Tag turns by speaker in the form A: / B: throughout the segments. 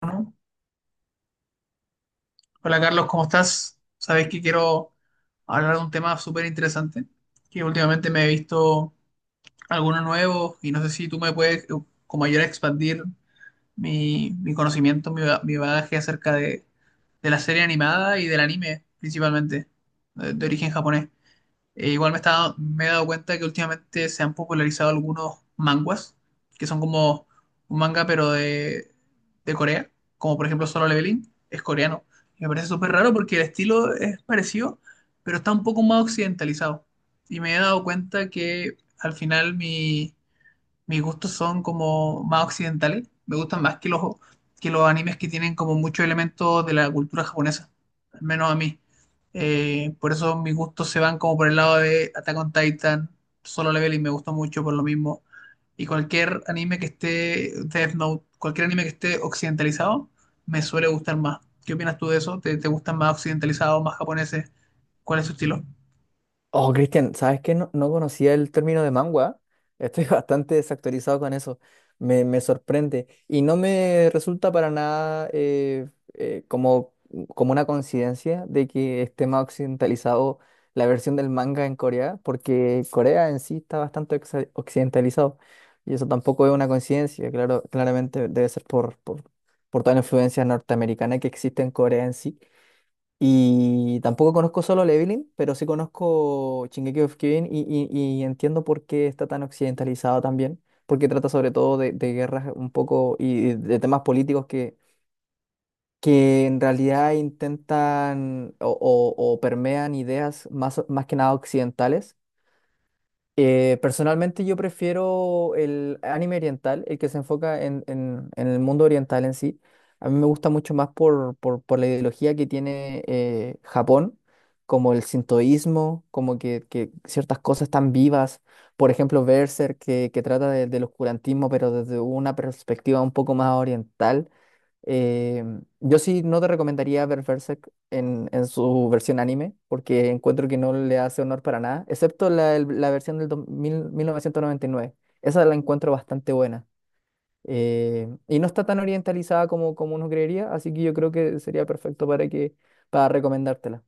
A: Bueno, hola Carlos, ¿cómo estás? Sabes que quiero hablar de un tema súper interesante, que últimamente me he visto algunos nuevos y no sé si tú me puedes como ayudar a expandir mi conocimiento, mi, mi bagaje acerca de la serie animada y del anime principalmente, de origen japonés. E igual me he dado cuenta que últimamente se han popularizado algunos manguas, que son como un manga pero de Corea, como por ejemplo Solo Leveling, es coreano. Y me parece súper raro porque el estilo es parecido, pero está un poco más occidentalizado. Y me he dado cuenta que al final mi, mis gustos son como más occidentales, me gustan más que que los animes que tienen como muchos elementos de la cultura japonesa, al menos a mí. Por eso mis gustos se van como por el lado de Attack on Titan, Solo Leveling me gustó mucho por lo mismo. Y cualquier anime que esté, Death Note, cualquier anime que esté occidentalizado, me suele gustar más. ¿Qué opinas tú de eso? Te gustan más occidentalizados, más japoneses? ¿Cuál es su estilo?
B: Oh, Cristian, ¿sabes qué? No, no conocía el término de mangua. Estoy bastante desactualizado con eso. Me sorprende. Y no me resulta para nada eh, como, como una coincidencia de que esté más occidentalizado la versión del manga en Corea, porque Corea en sí está bastante occidentalizado. Y eso tampoco es una coincidencia. Claro, claramente debe ser por, toda la influencia norteamericana que existe en Corea en sí. Y tampoco conozco Solo Leveling, pero sí conozco Shingeki of Kyojin y, y entiendo por qué está tan occidentalizado también, porque trata sobre todo de guerras un poco y de temas políticos que en realidad intentan o, o permean ideas más que nada occidentales. Personalmente, yo prefiero el anime oriental, el que se enfoca en, en el mundo oriental en sí. A mí me gusta mucho más por la ideología que tiene Japón, como el sintoísmo, como que ciertas cosas están vivas. Por ejemplo, Berserk, que trata del oscurantismo, pero desde una perspectiva un poco más oriental. Eh, yo sí no te recomendaría ver Berserk en su versión anime, porque encuentro que no le hace honor para nada, excepto la, la versión del dos mil 1999. Esa la encuentro bastante buena. Y no está tan orientalizada como, como uno creería, así que yo creo que sería perfecto para que, para recomendártela.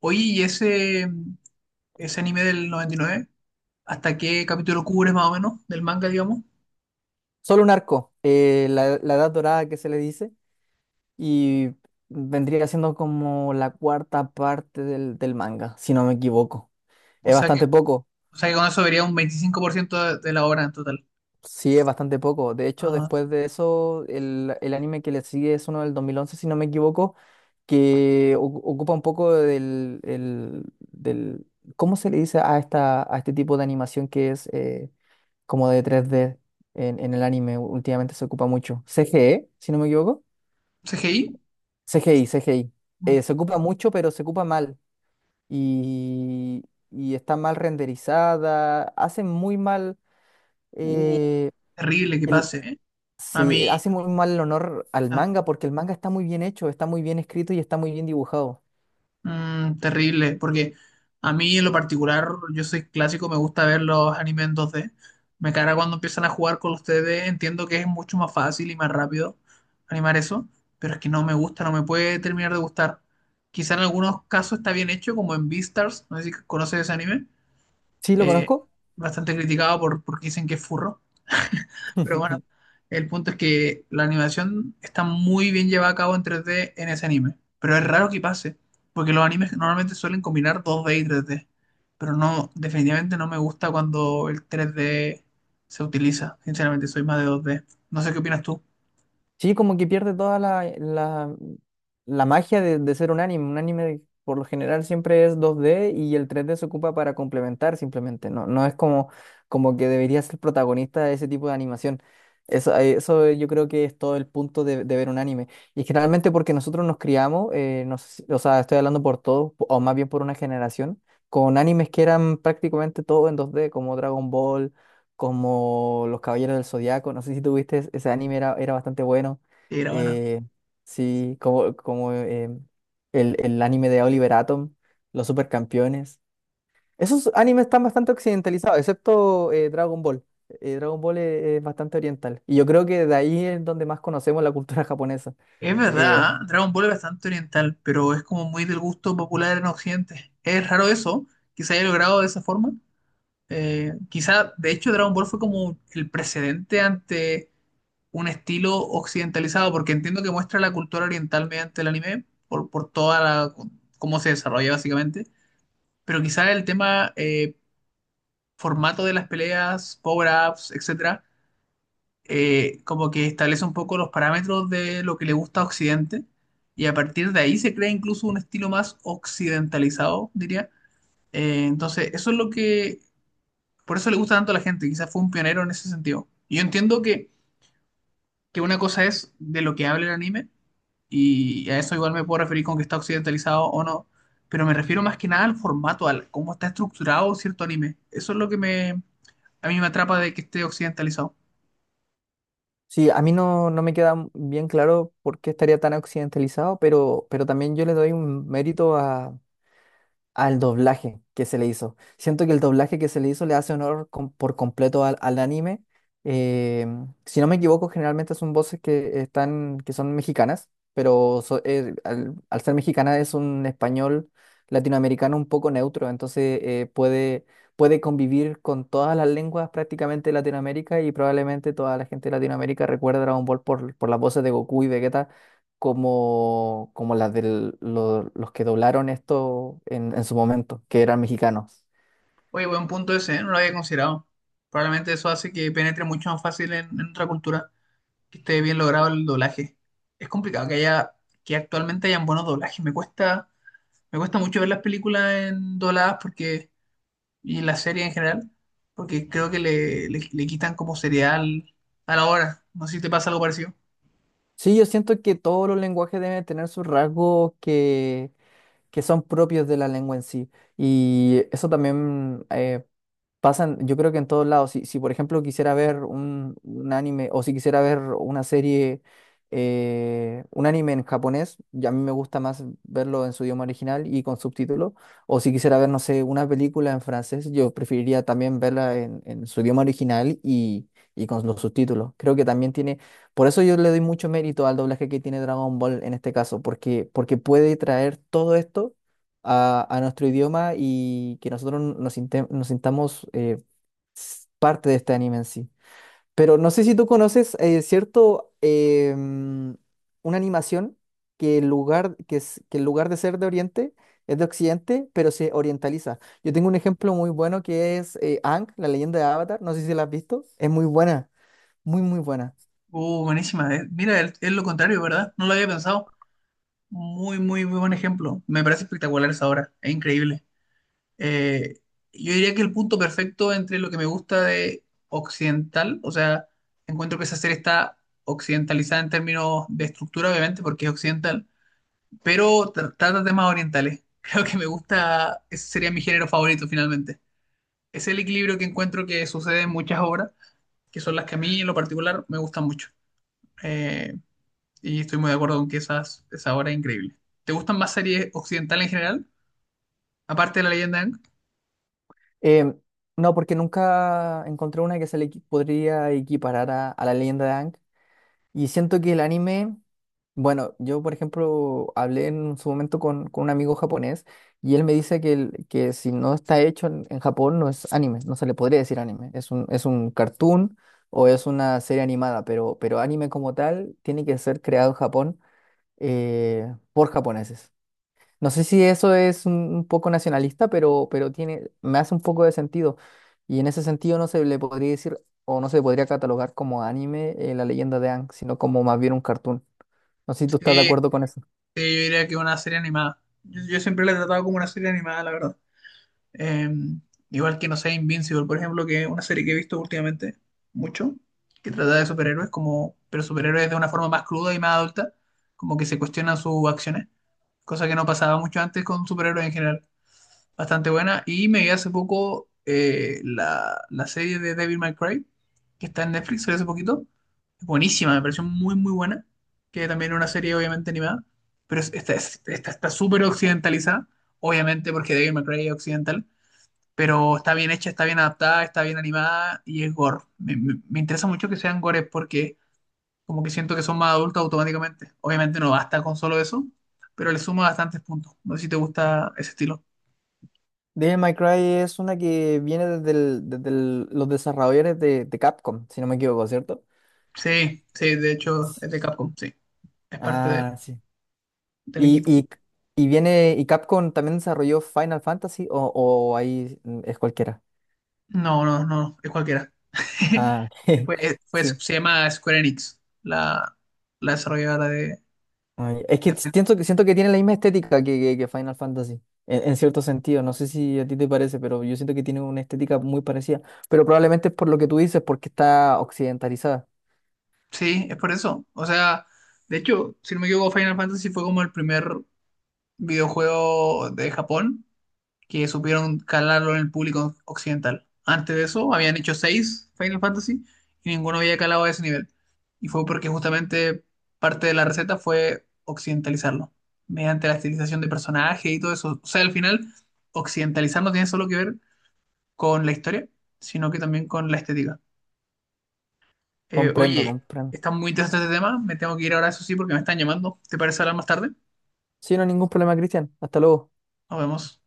A: Oye, ¿y ese anime del noventa y nueve, hasta qué capítulo cubres más o menos del manga, digamos?
B: Solo un arco, la Edad Dorada que se le dice, y vendría siendo como la cuarta parte del, del manga, si no me equivoco.
A: O
B: Es
A: sea que,
B: bastante poco.
A: o sea que con eso vería un 25% de la obra en total.
B: Sí, es bastante poco. De hecho,
A: Ah,
B: después de eso, el anime que le sigue es uno del 2011, si no me equivoco, que ocupa un poco del... ¿Cómo se le dice a, a este tipo de animación que es como de 3D en el anime? Últimamente se ocupa mucho. CGE, si no me equivoco.
A: ¿CGI?
B: CGI, CGI.
A: Mm.
B: Se ocupa mucho, pero se ocupa mal. Y, y está mal renderizada, hace muy mal...
A: Uh,
B: eh,
A: terrible que
B: el-
A: pase, ¿eh?
B: Sí, hace
A: A mí,
B: muy mal el honor al
A: ah,
B: manga porque el manga está muy bien hecho, está muy bien escrito y está muy bien dibujado.
A: mm, terrible, porque a mí en lo particular, yo soy clásico, me gusta ver los animes en dos d. Me carga cuando empiezan a jugar con los 3D, entiendo que es mucho más fácil y más rápido animar eso, pero es que no me gusta, no me puede terminar de gustar. Quizá en algunos casos está bien hecho, como en Beastars, no sé si conoces ese anime,
B: ¿Sí lo
A: eh,
B: conozco?
A: bastante criticado porque dicen que es furro, pero bueno, el punto es que la animación está muy bien llevada a cabo en 3D en ese anime, pero es raro que pase, porque los animes normalmente suelen combinar dos d y tres d, pero no, definitivamente no me gusta cuando el tres d se utiliza, sinceramente soy más de dos d. No sé qué opinas tú.
B: Sí, como que pierde toda la magia de ser un anime. Un anime por lo general siempre es 2D y el 3D se ocupa para complementar simplemente. No, no es como, como que debería ser protagonista de ese tipo de animación. Eso, yo creo que es todo el punto de ver un anime. Y generalmente porque nosotros nos criamos, no sé si- o sea, estoy hablando por todos, o más bien por una generación, con animes que eran prácticamente todo en 2D, como Dragon Ball, como Los Caballeros del Zodiaco. No sé si tuviste ese anime, era bastante bueno.
A: Era bueno.
B: Eh, sí, como el anime de Oliver Atom, Los Supercampeones. Esos animes están bastante occidentalizados, excepto Dragon Ball. Dragon Ball es bastante oriental. Y yo creo que de ahí es donde más conocemos la cultura japonesa.
A: Es
B: Eh,
A: verdad, ¿eh? Dragon Ball es bastante oriental, pero es como muy del gusto popular en Occidente. Es raro eso, que se haya logrado de esa forma. Quizá, de hecho, Dragon Ball fue como el precedente ante un estilo occidentalizado, porque entiendo que muestra la cultura oriental mediante el anime, por toda la, cómo se desarrolla básicamente, pero quizá el tema formato de las peleas, power-ups, etcétera, como que establece un poco los parámetros de lo que le gusta a Occidente, y a partir de ahí se crea incluso un estilo más occidentalizado, diría. Eso es lo que. Por eso le gusta tanto a la gente, quizás fue un pionero en ese sentido. Y yo entiendo que una cosa es de lo que habla el anime, y a eso igual me puedo referir con que está occidentalizado o no, pero me refiero más que nada al formato, al cómo está estructurado cierto anime. Eso es lo que me, a mí me atrapa de que esté occidentalizado.
B: sí, a mí no, no me queda bien claro por qué estaría tan occidentalizado, pero también yo le doy un mérito a al doblaje que se le hizo. Siento que el doblaje que se le hizo le hace honor por completo al, al anime. Eh, si no me equivoco, generalmente son voces que son mexicanas, pero al ser mexicana, es un español latinoamericano un poco neutro, entonces puede convivir con todas las lenguas prácticamente de Latinoamérica, y probablemente toda la gente de Latinoamérica recuerda Dragon Ball por las voces de Goku y Vegeta como, como las de los que doblaron esto en su momento, que eran mexicanos.
A: Oye, buen punto ese, ¿eh? No lo había considerado. Probablemente eso hace que penetre mucho más fácil en otra cultura, que esté bien logrado el doblaje. Es complicado que haya, que actualmente hayan buenos doblajes. Me cuesta mucho ver las películas en dobladas porque, y las series en general, porque creo que le quitan como serial a la hora. No sé si te pasa algo parecido.
B: Sí, yo siento que todos los lenguajes deben tener sus rasgos que son propios de la lengua en sí. Y eso también pasa, yo creo que en todos lados. Si por ejemplo quisiera ver un anime o si quisiera ver una serie, un anime en japonés, y a mí me gusta más verlo en su idioma original y con subtítulos. O si quisiera ver, no sé, una película en francés, yo preferiría también verla en su idioma original y con los subtítulos. Creo que también tiene, por eso yo le doy mucho mérito al doblaje que tiene Dragon Ball en este caso, porque, porque puede traer todo esto a nuestro idioma y que nosotros nos sintamos parte de este anime en sí. Pero no sé si tú conoces, ¿cierto? Una animación que en lugar de ser de Oriente, es de Occidente, pero se orientaliza. Yo tengo un ejemplo muy bueno que es Aang, la leyenda de Avatar. No sé si la has visto. Es muy buena, muy, muy buena.
A: Buenísima. Eh, mira, es lo contrario, ¿verdad? No lo había pensado. Muy, muy, muy buen ejemplo. Me parece espectacular esa obra. Es increíble. Eh, yo diría que el punto perfecto entre lo que me gusta de occidental, o sea, encuentro que esa serie está occidentalizada en términos de estructura, obviamente, porque es occidental, pero trata temas orientales. Creo que me gusta, ese sería mi género favorito finalmente. Es el equilibrio que encuentro que sucede en muchas obras, que son las que a mí en lo particular me gustan mucho. Eh, y estoy muy de acuerdo con que esa obra es increíble. ¿Te gustan más series occidentales en general? Aparte de La Leyenda de Aang.
B: Eh, no, porque nunca encontré una que se le podría equiparar a la leyenda de Aang. Y siento que el anime, bueno, yo por ejemplo hablé en su momento con un amigo japonés, y él me dice que, que si no está hecho en Japón, no es anime, no se le podría decir anime, es un cartoon o es una serie animada, pero anime como tal tiene que ser creado en Japón, por japoneses. No sé si eso es un poco nacionalista, pero tiene, me hace un poco de sentido. Y en ese sentido no se le podría decir, o no se podría catalogar como anime la leyenda de Aang, sino como más bien un cartoon. No sé si tú estás de
A: Sí, sí,
B: acuerdo con eso.
A: yo diría que una serie animada. Yo siempre la he tratado como una serie animada, la verdad. Eh, Igual que, no sé, Invincible, por ejemplo, que es una serie que he visto últimamente mucho, que trata de superhéroes, como, pero superhéroes de una forma más cruda y más adulta, como que se cuestionan sus acciones, cosa que no pasaba mucho antes con superhéroes en general. Bastante buena. Y me vi hace poco la serie de David McRae, que está en Netflix, salió hace poquito. Buenísima, me pareció muy, muy buena. Que también es una serie, obviamente, animada. Pero esta está súper occidentalizada, obviamente, porque David McRae es occidental, pero está bien hecha, está bien adaptada, está bien animada y es gore. Me interesa mucho que sean gores porque como que siento que son más adultos automáticamente. Obviamente no basta con solo eso, pero le suma bastantes puntos. No sé si te gusta ese estilo.
B: Devil May Cry es una que viene desde los desarrolladores de Capcom, si no me equivoco, ¿cierto?
A: Sí, sí, de hecho es de Capcom, sí, es parte del,
B: Ah, sí.
A: del
B: Y,
A: equipo.
B: y viene, y Capcom también desarrolló Final Fantasy, o ahí es cualquiera.
A: No, no, no, es cualquiera.
B: Ah, ok. Sí.
A: Se llama Square Enix, la desarrolladora
B: Ay, es que
A: de Final-.
B: siento que tiene la misma estética que, que Final Fantasy, en cierto sentido. No sé si a ti te parece, pero yo siento que tiene una estética muy parecida. Pero probablemente es por lo que tú dices, porque está occidentalizada.
A: Sí, es por eso. O sea, de hecho, si no me equivoco, Final Fantasy fue como el primer videojuego de Japón que supieron calarlo en el público occidental. Antes de eso habían hecho seis Final Fantasy y ninguno había calado a ese nivel. Y fue porque justamente parte de la receta fue occidentalizarlo, mediante la estilización de personajes y todo eso. O sea, al final, occidentalizar no tiene solo que ver con la historia, sino que también con la estética.
B: Comprendo,
A: Oye,
B: comprendo.
A: está muy interesante este tema, me tengo que ir ahora, eso sí, porque me están llamando. ¿Te parece hablar más tarde?
B: Sí, no hay ningún problema, Cristian. Hasta luego.
A: Nos vemos.